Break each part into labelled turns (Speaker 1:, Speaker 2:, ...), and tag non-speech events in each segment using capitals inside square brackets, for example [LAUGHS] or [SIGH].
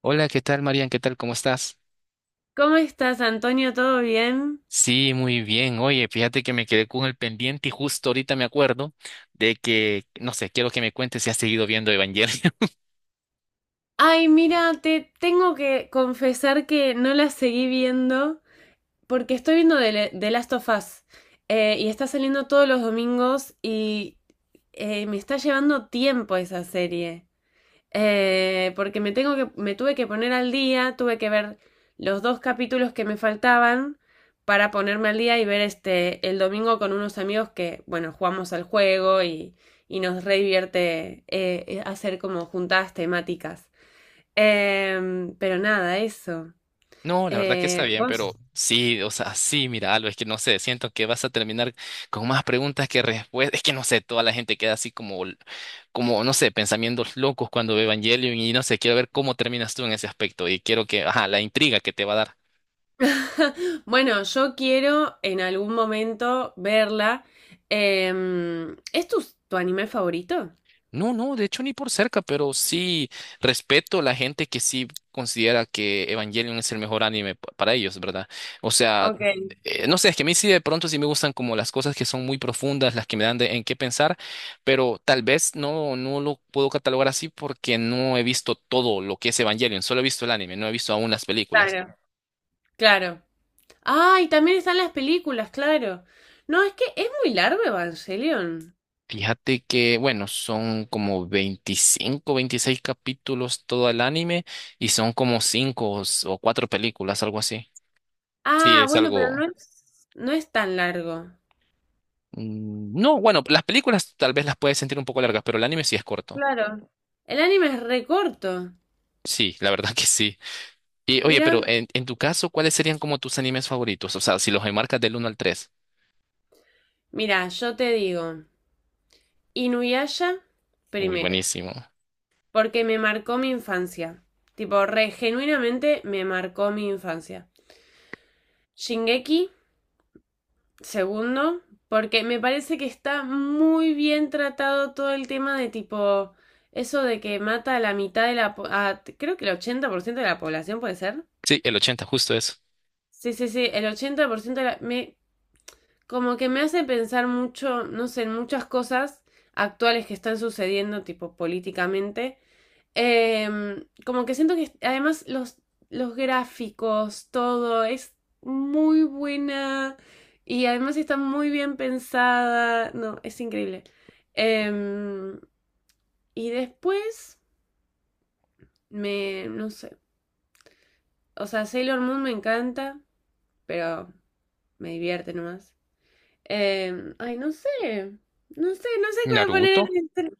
Speaker 1: Hola, ¿qué tal, Marian? ¿Qué tal? ¿Cómo estás?
Speaker 2: ¿Cómo estás, Antonio? ¿Todo bien?
Speaker 1: Sí, muy bien. Oye, fíjate que me quedé con el pendiente y justo ahorita me acuerdo de que, no sé, quiero que me cuentes si has seguido viendo Evangelion. [LAUGHS]
Speaker 2: Ay, mira, te tengo que confesar que no la seguí viendo porque estoy viendo The Last of Us, y está saliendo todos los domingos y me está llevando tiempo esa serie. Porque me tuve que poner al día, tuve que ver los dos capítulos que me faltaban para ponerme al día y ver este el domingo con unos amigos que, bueno, jugamos al juego y nos re divierte hacer como juntadas temáticas. Pero nada, eso.
Speaker 1: No, la verdad que está bien,
Speaker 2: Vos.
Speaker 1: pero sí, o sea, sí, mira, algo es que no sé, siento que vas a terminar con más preguntas que respuestas. Es que no sé, toda la gente queda así como, no sé, pensamientos locos cuando ve Evangelion y no sé, quiero ver cómo terminas tú en ese aspecto y quiero que, ajá, la intriga que te va a dar.
Speaker 2: [LAUGHS] Bueno, yo quiero en algún momento verla. ¿Es tu anime favorito?
Speaker 1: No, no, de hecho ni por cerca, pero sí respeto a la gente que sí considera que Evangelion es el mejor anime para ellos, ¿verdad? O sea,
Speaker 2: Ok,
Speaker 1: no sé, es que a mí sí de pronto sí me gustan como las cosas que son muy profundas, las que me dan en qué pensar, pero tal vez no lo puedo catalogar así porque no he visto todo lo que es Evangelion, solo he visto el anime, no he visto aún las películas.
Speaker 2: claro. Claro. Ah, y también están las películas, claro. No, es que es muy largo Evangelion.
Speaker 1: Fíjate que, bueno, son como 25, 26 capítulos todo el anime y son como 5 o 4 películas, algo así. Sí,
Speaker 2: Ah,
Speaker 1: es
Speaker 2: bueno, pero
Speaker 1: algo.
Speaker 2: no es tan largo.
Speaker 1: No, bueno, las películas tal vez las puedes sentir un poco largas, pero el anime sí es corto.
Speaker 2: Claro. El anime es recorto.
Speaker 1: Sí, la verdad [LAUGHS] que sí. Y oye,
Speaker 2: Mira,
Speaker 1: pero en tu caso, ¿cuáles serían como tus animes favoritos? O sea, si los enmarcas del uno al tres.
Speaker 2: mira, yo te digo, Inuyasha
Speaker 1: Uy,
Speaker 2: primero,
Speaker 1: buenísimo.
Speaker 2: porque me marcó mi infancia. Tipo, re genuinamente me marcó mi infancia. Shingeki segundo, porque me parece que está muy bien tratado todo el tema de tipo, eso de que mata a la mitad de creo que el 80% de la población puede ser.
Speaker 1: Sí, el 80 justo eso.
Speaker 2: Sí, sí, sí, el 80% de la, me, como que me hace pensar mucho, no sé, en muchas cosas actuales que están sucediendo, tipo políticamente. Como que siento que además los gráficos, todo es muy buena y además está muy bien pensada. No, es increíble. Em, y después no sé, o sea, Sailor Moon me encanta, pero me divierte nomás. Ay, no sé cuál
Speaker 1: ¿Naruto?
Speaker 2: poner. El-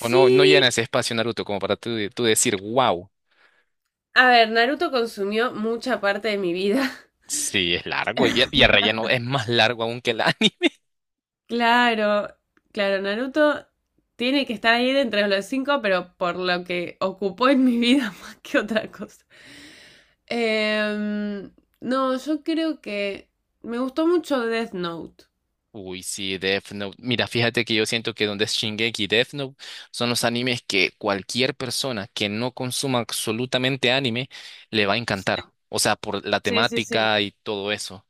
Speaker 1: ¿O no llena ese espacio Naruto como para tú decir, wow?
Speaker 2: a ver, Naruto consumió mucha parte de mi vida. [LAUGHS]
Speaker 1: Sí, es largo y el relleno es más largo aún que el anime.
Speaker 2: Claro, claro, Naruto tiene que estar ahí de entre los cinco, pero por lo que ocupó en mi vida [LAUGHS] más que otra cosa. Em, no, yo creo que me gustó mucho Death Note.
Speaker 1: Uy, sí, Death Note. Mira, fíjate que yo siento que donde es Shingeki y Death Note son los animes que cualquier persona que no consuma absolutamente anime le va a encantar.
Speaker 2: Sí,
Speaker 1: O sea, por la
Speaker 2: sí, sí.
Speaker 1: temática y todo eso.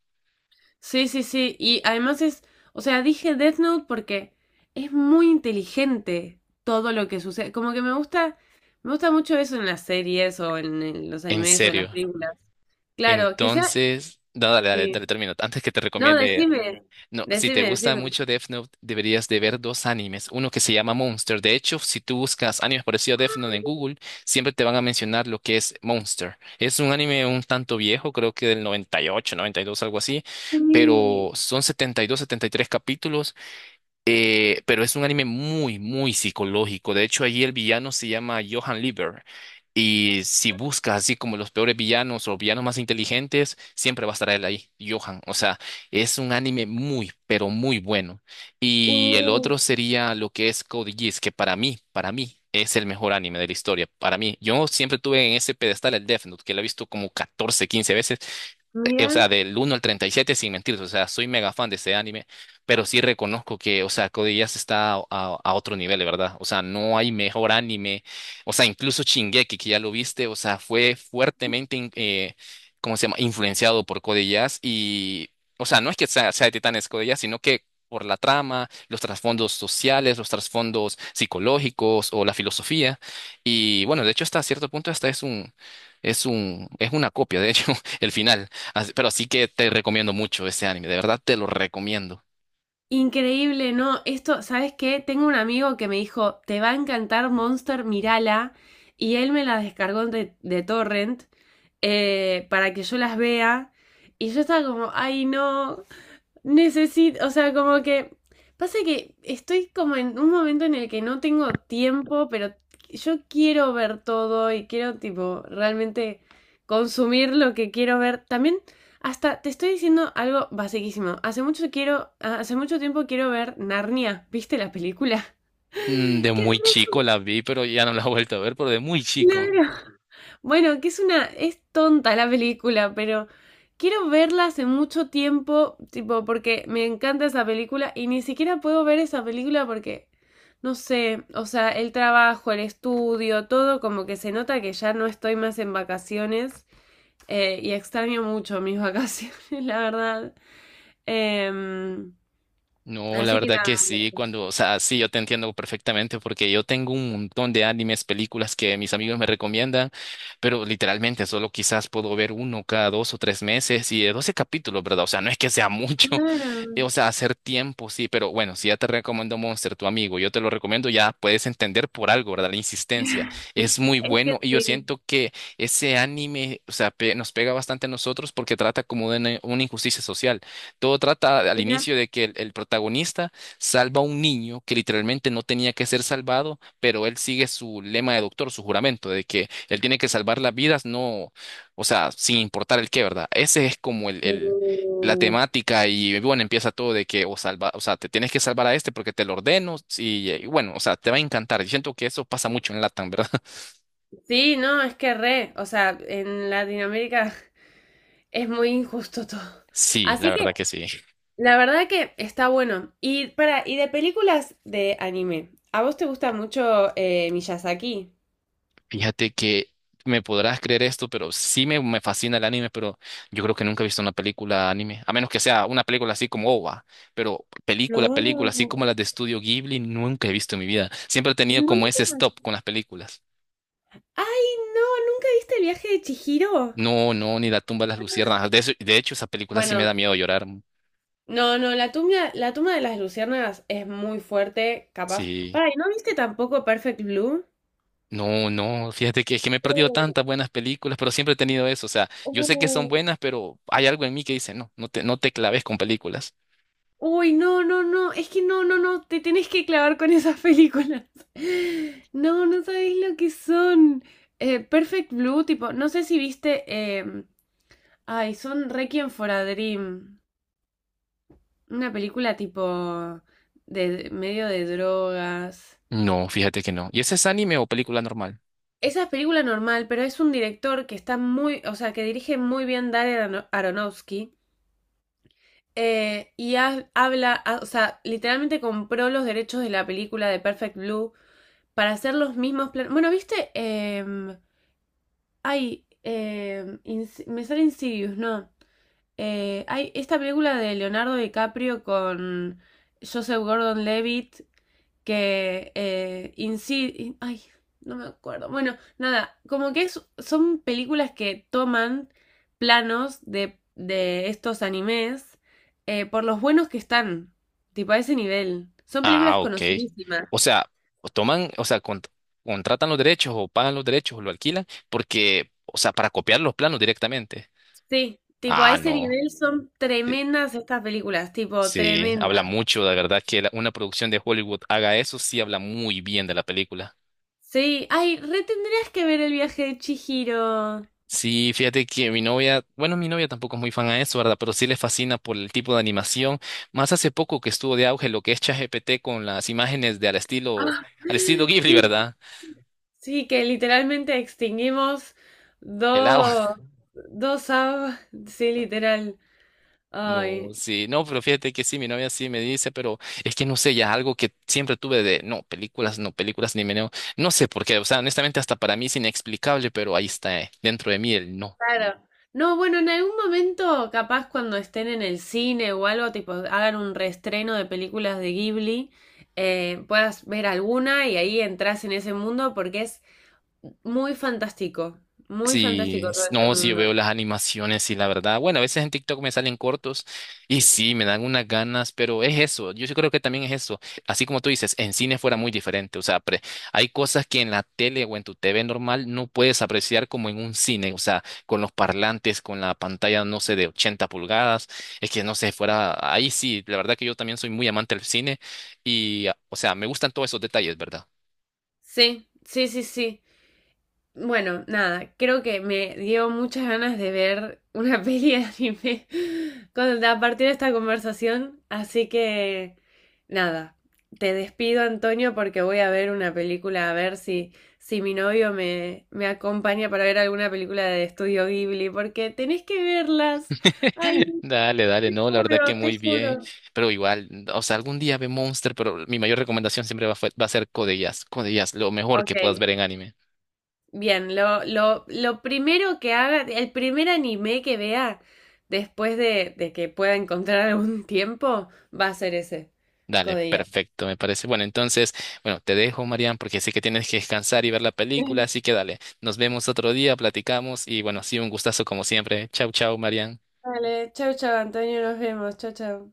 Speaker 2: Sí, sí, sí, sí. Y además es, o sea, dije Death Note porque es muy inteligente todo lo que sucede. Como que me gusta mucho eso en las series en los
Speaker 1: En
Speaker 2: animes o en las
Speaker 1: serio.
Speaker 2: películas. Claro, que sea,
Speaker 1: Entonces, no, dale, dale,
Speaker 2: sí.
Speaker 1: dale, termino. Antes que te
Speaker 2: No,
Speaker 1: recomiende.
Speaker 2: decime,
Speaker 1: No, si te
Speaker 2: decime,
Speaker 1: gusta
Speaker 2: decime.
Speaker 1: mucho Death Note, deberías de ver dos animes. Uno que se llama Monster. De hecho, si tú buscas animes parecidos a Death Note en Google, siempre te van a mencionar lo que es Monster. Es un anime un tanto viejo, creo que del 98, 92, algo así,
Speaker 2: Sí,
Speaker 1: pero son 72, 73 capítulos, pero es un anime muy, muy psicológico. De hecho, allí el villano se llama Johann Lieber. Y si buscas así como los peores villanos o villanos más inteligentes, siempre va a estar él ahí, Johan. O sea, es un anime muy, pero muy bueno. Y el
Speaker 2: uh,
Speaker 1: otro sería lo que es Code Geass, que para mí, es el mejor anime de la historia. Para mí, yo siempre tuve en ese pedestal el Death Note, que lo he visto como 14 15 veces, o sea,
Speaker 2: mira,
Speaker 1: del uno al 37 sin mentir, o sea, soy mega fan de este anime, pero sí reconozco que, o sea, Code Geass está a otro nivel, de verdad. O sea, no hay mejor anime, o sea, incluso Shingeki, que ya lo viste, o sea, fue fuertemente, ¿cómo se llama?, influenciado por Code Geass y, o sea, no es que sea de Titanes Code Geass, sino que por la trama, los trasfondos sociales, los trasfondos psicológicos o la filosofía. Y bueno, de hecho, hasta cierto punto, hasta es una copia, de hecho, [LAUGHS] el final. Pero sí que te recomiendo mucho ese anime, de verdad te lo recomiendo.
Speaker 2: increíble, no, esto, ¿sabes qué? Tengo un amigo que me dijo, te va a encantar Monster, mirala, y él me la descargó de Torrent, para que yo las vea, y yo estaba como, ay, no, necesito, o sea, como que pasa que estoy como en un momento en el que no tengo tiempo, pero yo quiero ver todo y quiero tipo realmente consumir lo que quiero ver. También hasta te estoy diciendo algo basiquísimo. Hace mucho tiempo quiero ver Narnia. ¿Viste la película? [LAUGHS]
Speaker 1: De
Speaker 2: ¡Qué
Speaker 1: muy
Speaker 2: re
Speaker 1: chico la vi, pero ya no la he vuelto a ver, pero de muy chico.
Speaker 2: larga! Bueno, que es tonta la película, pero quiero verla hace mucho tiempo, tipo, porque me encanta esa película y ni siquiera puedo ver esa película porque, no sé, o sea, el trabajo, el estudio, todo como que se nota que ya no estoy más en vacaciones, y extraño mucho mis [LAUGHS] vacaciones, la verdad. Em,
Speaker 1: No, la
Speaker 2: Así que
Speaker 1: verdad
Speaker 2: nada.
Speaker 1: que sí, cuando, o sea, sí, yo te entiendo perfectamente porque yo tengo un montón de animes, películas que mis amigos me recomiendan, pero literalmente solo quizás puedo ver uno cada 2 o 3 meses y de 12 capítulos, ¿verdad? O sea, no es que sea mucho, [LAUGHS] o
Speaker 2: Claro,
Speaker 1: sea, hacer tiempo, sí, pero bueno, si ya te recomiendo Monster, tu amigo, yo te lo recomiendo, ya puedes entender por algo, ¿verdad? La insistencia es muy
Speaker 2: es que
Speaker 1: bueno y yo
Speaker 2: sí.
Speaker 1: siento que ese anime, o sea, nos pega bastante a nosotros porque trata como de una injusticia social. Todo trata al
Speaker 2: Mira.
Speaker 1: inicio de que el protagonista salva a un niño que literalmente no tenía que ser salvado, pero él sigue su lema de doctor, su juramento, de que él tiene que salvar las vidas, no, o sea, sin importar el qué, ¿verdad? Ese es como la
Speaker 2: Uh.
Speaker 1: temática y bueno, empieza todo de que o salva, o sea, te tienes que salvar a este porque te lo ordeno sí, y, bueno, o sea, te va a encantar. Yo siento que eso pasa mucho en Latam, ¿verdad? [LAUGHS]
Speaker 2: Sí, no, es que re, o sea, en Latinoamérica [LAUGHS] es muy injusto todo.
Speaker 1: Sí, la
Speaker 2: Así que
Speaker 1: verdad que sí.
Speaker 2: la verdad que está bueno. Y para, y de películas de anime, ¿a vos te gusta mucho Miyazaki?
Speaker 1: Fíjate que me podrás creer esto, pero sí me fascina el anime, pero yo creo que nunca he visto una película anime, a menos que sea una película así como OVA, pero
Speaker 2: No,
Speaker 1: película, película, así como
Speaker 2: no.
Speaker 1: las de Estudio Ghibli, nunca he visto en mi vida. Siempre he tenido como ese stop con las películas.
Speaker 2: Ay, no, ¿nunca viste El viaje de Chihiro?
Speaker 1: No, no, ni La tumba de las luciérnagas. De hecho, esa película sí me
Speaker 2: Bueno,
Speaker 1: da miedo llorar.
Speaker 2: no, no, la tumba de las luciérnagas es muy fuerte, capaz.
Speaker 1: Sí.
Speaker 2: Para, ¿y no viste tampoco Perfect Blue?
Speaker 1: No, no, fíjate que es que me he perdido
Speaker 2: Uh,
Speaker 1: tantas buenas películas, pero siempre he tenido eso. O sea, yo sé que son
Speaker 2: uh.
Speaker 1: buenas, pero hay algo en mí que dice, no, no te claves con películas.
Speaker 2: Uy, no, no, no, es que no, no, no, te tenés que clavar con esas películas. [LAUGHS] No, no sabéis lo que son. Perfect Blue, tipo, no sé si viste, ay, son Requiem for a Dream, una película tipo de medio de drogas.
Speaker 1: No, fíjate que no. ¿Y ese es anime o película normal?
Speaker 2: Esa es película normal, pero es un director que está muy, o sea, que dirige muy bien Aronofsky. Y o sea, literalmente compró los derechos de la película de Perfect Blue para hacer los mismos planos. Bueno, viste. Me sale Insidious, no. Hay esta película de Leonardo DiCaprio con Joseph Gordon-Levitt que ay, no me acuerdo. Bueno, nada, como que son películas que toman planos de estos animes, por los buenos que están, tipo a ese nivel. Son
Speaker 1: Ah,
Speaker 2: películas
Speaker 1: ok.
Speaker 2: conocidísimas.
Speaker 1: O sea, o toman, o sea, contratan los derechos o pagan los derechos o lo alquilan porque, o sea, para copiar los planos directamente.
Speaker 2: Sí, tipo, a
Speaker 1: Ah,
Speaker 2: ese
Speaker 1: no.
Speaker 2: nivel son
Speaker 1: Sí,
Speaker 2: tremendas estas películas, tipo,
Speaker 1: sí, habla
Speaker 2: tremendas.
Speaker 1: mucho, la verdad que una producción de Hollywood haga eso, sí habla muy bien de la película.
Speaker 2: Sí, ay, re tendrías que ver El viaje de Chihiro. Ah,
Speaker 1: Sí, fíjate que mi novia, bueno, mi novia tampoco es muy fan a eso, ¿verdad? Pero sí le fascina por el tipo de animación. Más hace poco que estuvo de auge lo que es ChatGPT con las imágenes de al estilo,
Speaker 2: [LAUGHS]
Speaker 1: al estilo Ghibli,
Speaker 2: sí,
Speaker 1: ¿verdad?
Speaker 2: sí, que literalmente extinguimos
Speaker 1: El agua.
Speaker 2: dos,
Speaker 1: [LAUGHS]
Speaker 2: dos aves, sí, literal.
Speaker 1: No,
Speaker 2: Ay,
Speaker 1: sí, no, pero fíjate que sí, mi novia sí me dice, pero es que no sé, ya algo que siempre tuve de, no, películas, no, películas, ni meneo, no sé por qué, o sea, honestamente hasta para mí es inexplicable, pero ahí está, dentro de mí el no.
Speaker 2: claro. No, bueno, en algún momento, capaz cuando estén en el cine o algo, tipo, hagan un reestreno de películas de Ghibli, puedas ver alguna y ahí entras en ese mundo porque es muy fantástico, muy fantástico
Speaker 1: Sí,
Speaker 2: todo ese
Speaker 1: no, sí, yo
Speaker 2: mundo.
Speaker 1: veo las animaciones y la verdad, bueno, a veces en TikTok me salen cortos y sí, me dan unas ganas, pero es eso, yo sí creo que también es eso, así como tú dices, en cine fuera muy diferente, o sea, hay cosas que en la tele o en tu TV normal no puedes apreciar como en un cine, o sea, con los parlantes, con la pantalla, no sé, de 80 pulgadas, es que no sé, fuera, ahí sí, la verdad que yo también soy muy amante del cine y, o sea, me gustan todos esos detalles, ¿verdad?
Speaker 2: Sí, sí, sí, sí. Bueno, nada, creo que me dio muchas ganas de ver una [LAUGHS] peli de anime a partir de esta conversación, así que nada, te despido, Antonio, porque voy a ver una película, a ver si, si mi novio me acompaña para ver alguna película de Estudio Ghibli, porque tenés que verlas. Ay,
Speaker 1: [LAUGHS] Dale, dale,
Speaker 2: te
Speaker 1: no, la verdad que
Speaker 2: juro, te
Speaker 1: muy bien,
Speaker 2: juro.
Speaker 1: pero igual, o sea, algún día ve Monster, pero mi mayor recomendación siempre va a ser Code Geass, Code Geass, lo mejor
Speaker 2: Ok,
Speaker 1: que puedas ver en anime.
Speaker 2: bien, lo primero que haga, el primer anime que vea después de que pueda encontrar algún [LAUGHS] tiempo, va a ser ese,
Speaker 1: Dale,
Speaker 2: Code Geass.
Speaker 1: perfecto, me parece. Bueno, entonces, bueno, te dejo, Marian, porque sé que tienes que descansar y ver la película, así
Speaker 2: [LAUGHS]
Speaker 1: que dale, nos vemos otro día, platicamos y bueno, sí, un gustazo como siempre. Chau, chau, Marian.
Speaker 2: Vale, chau, chau, Antonio, nos vemos, chau, chau.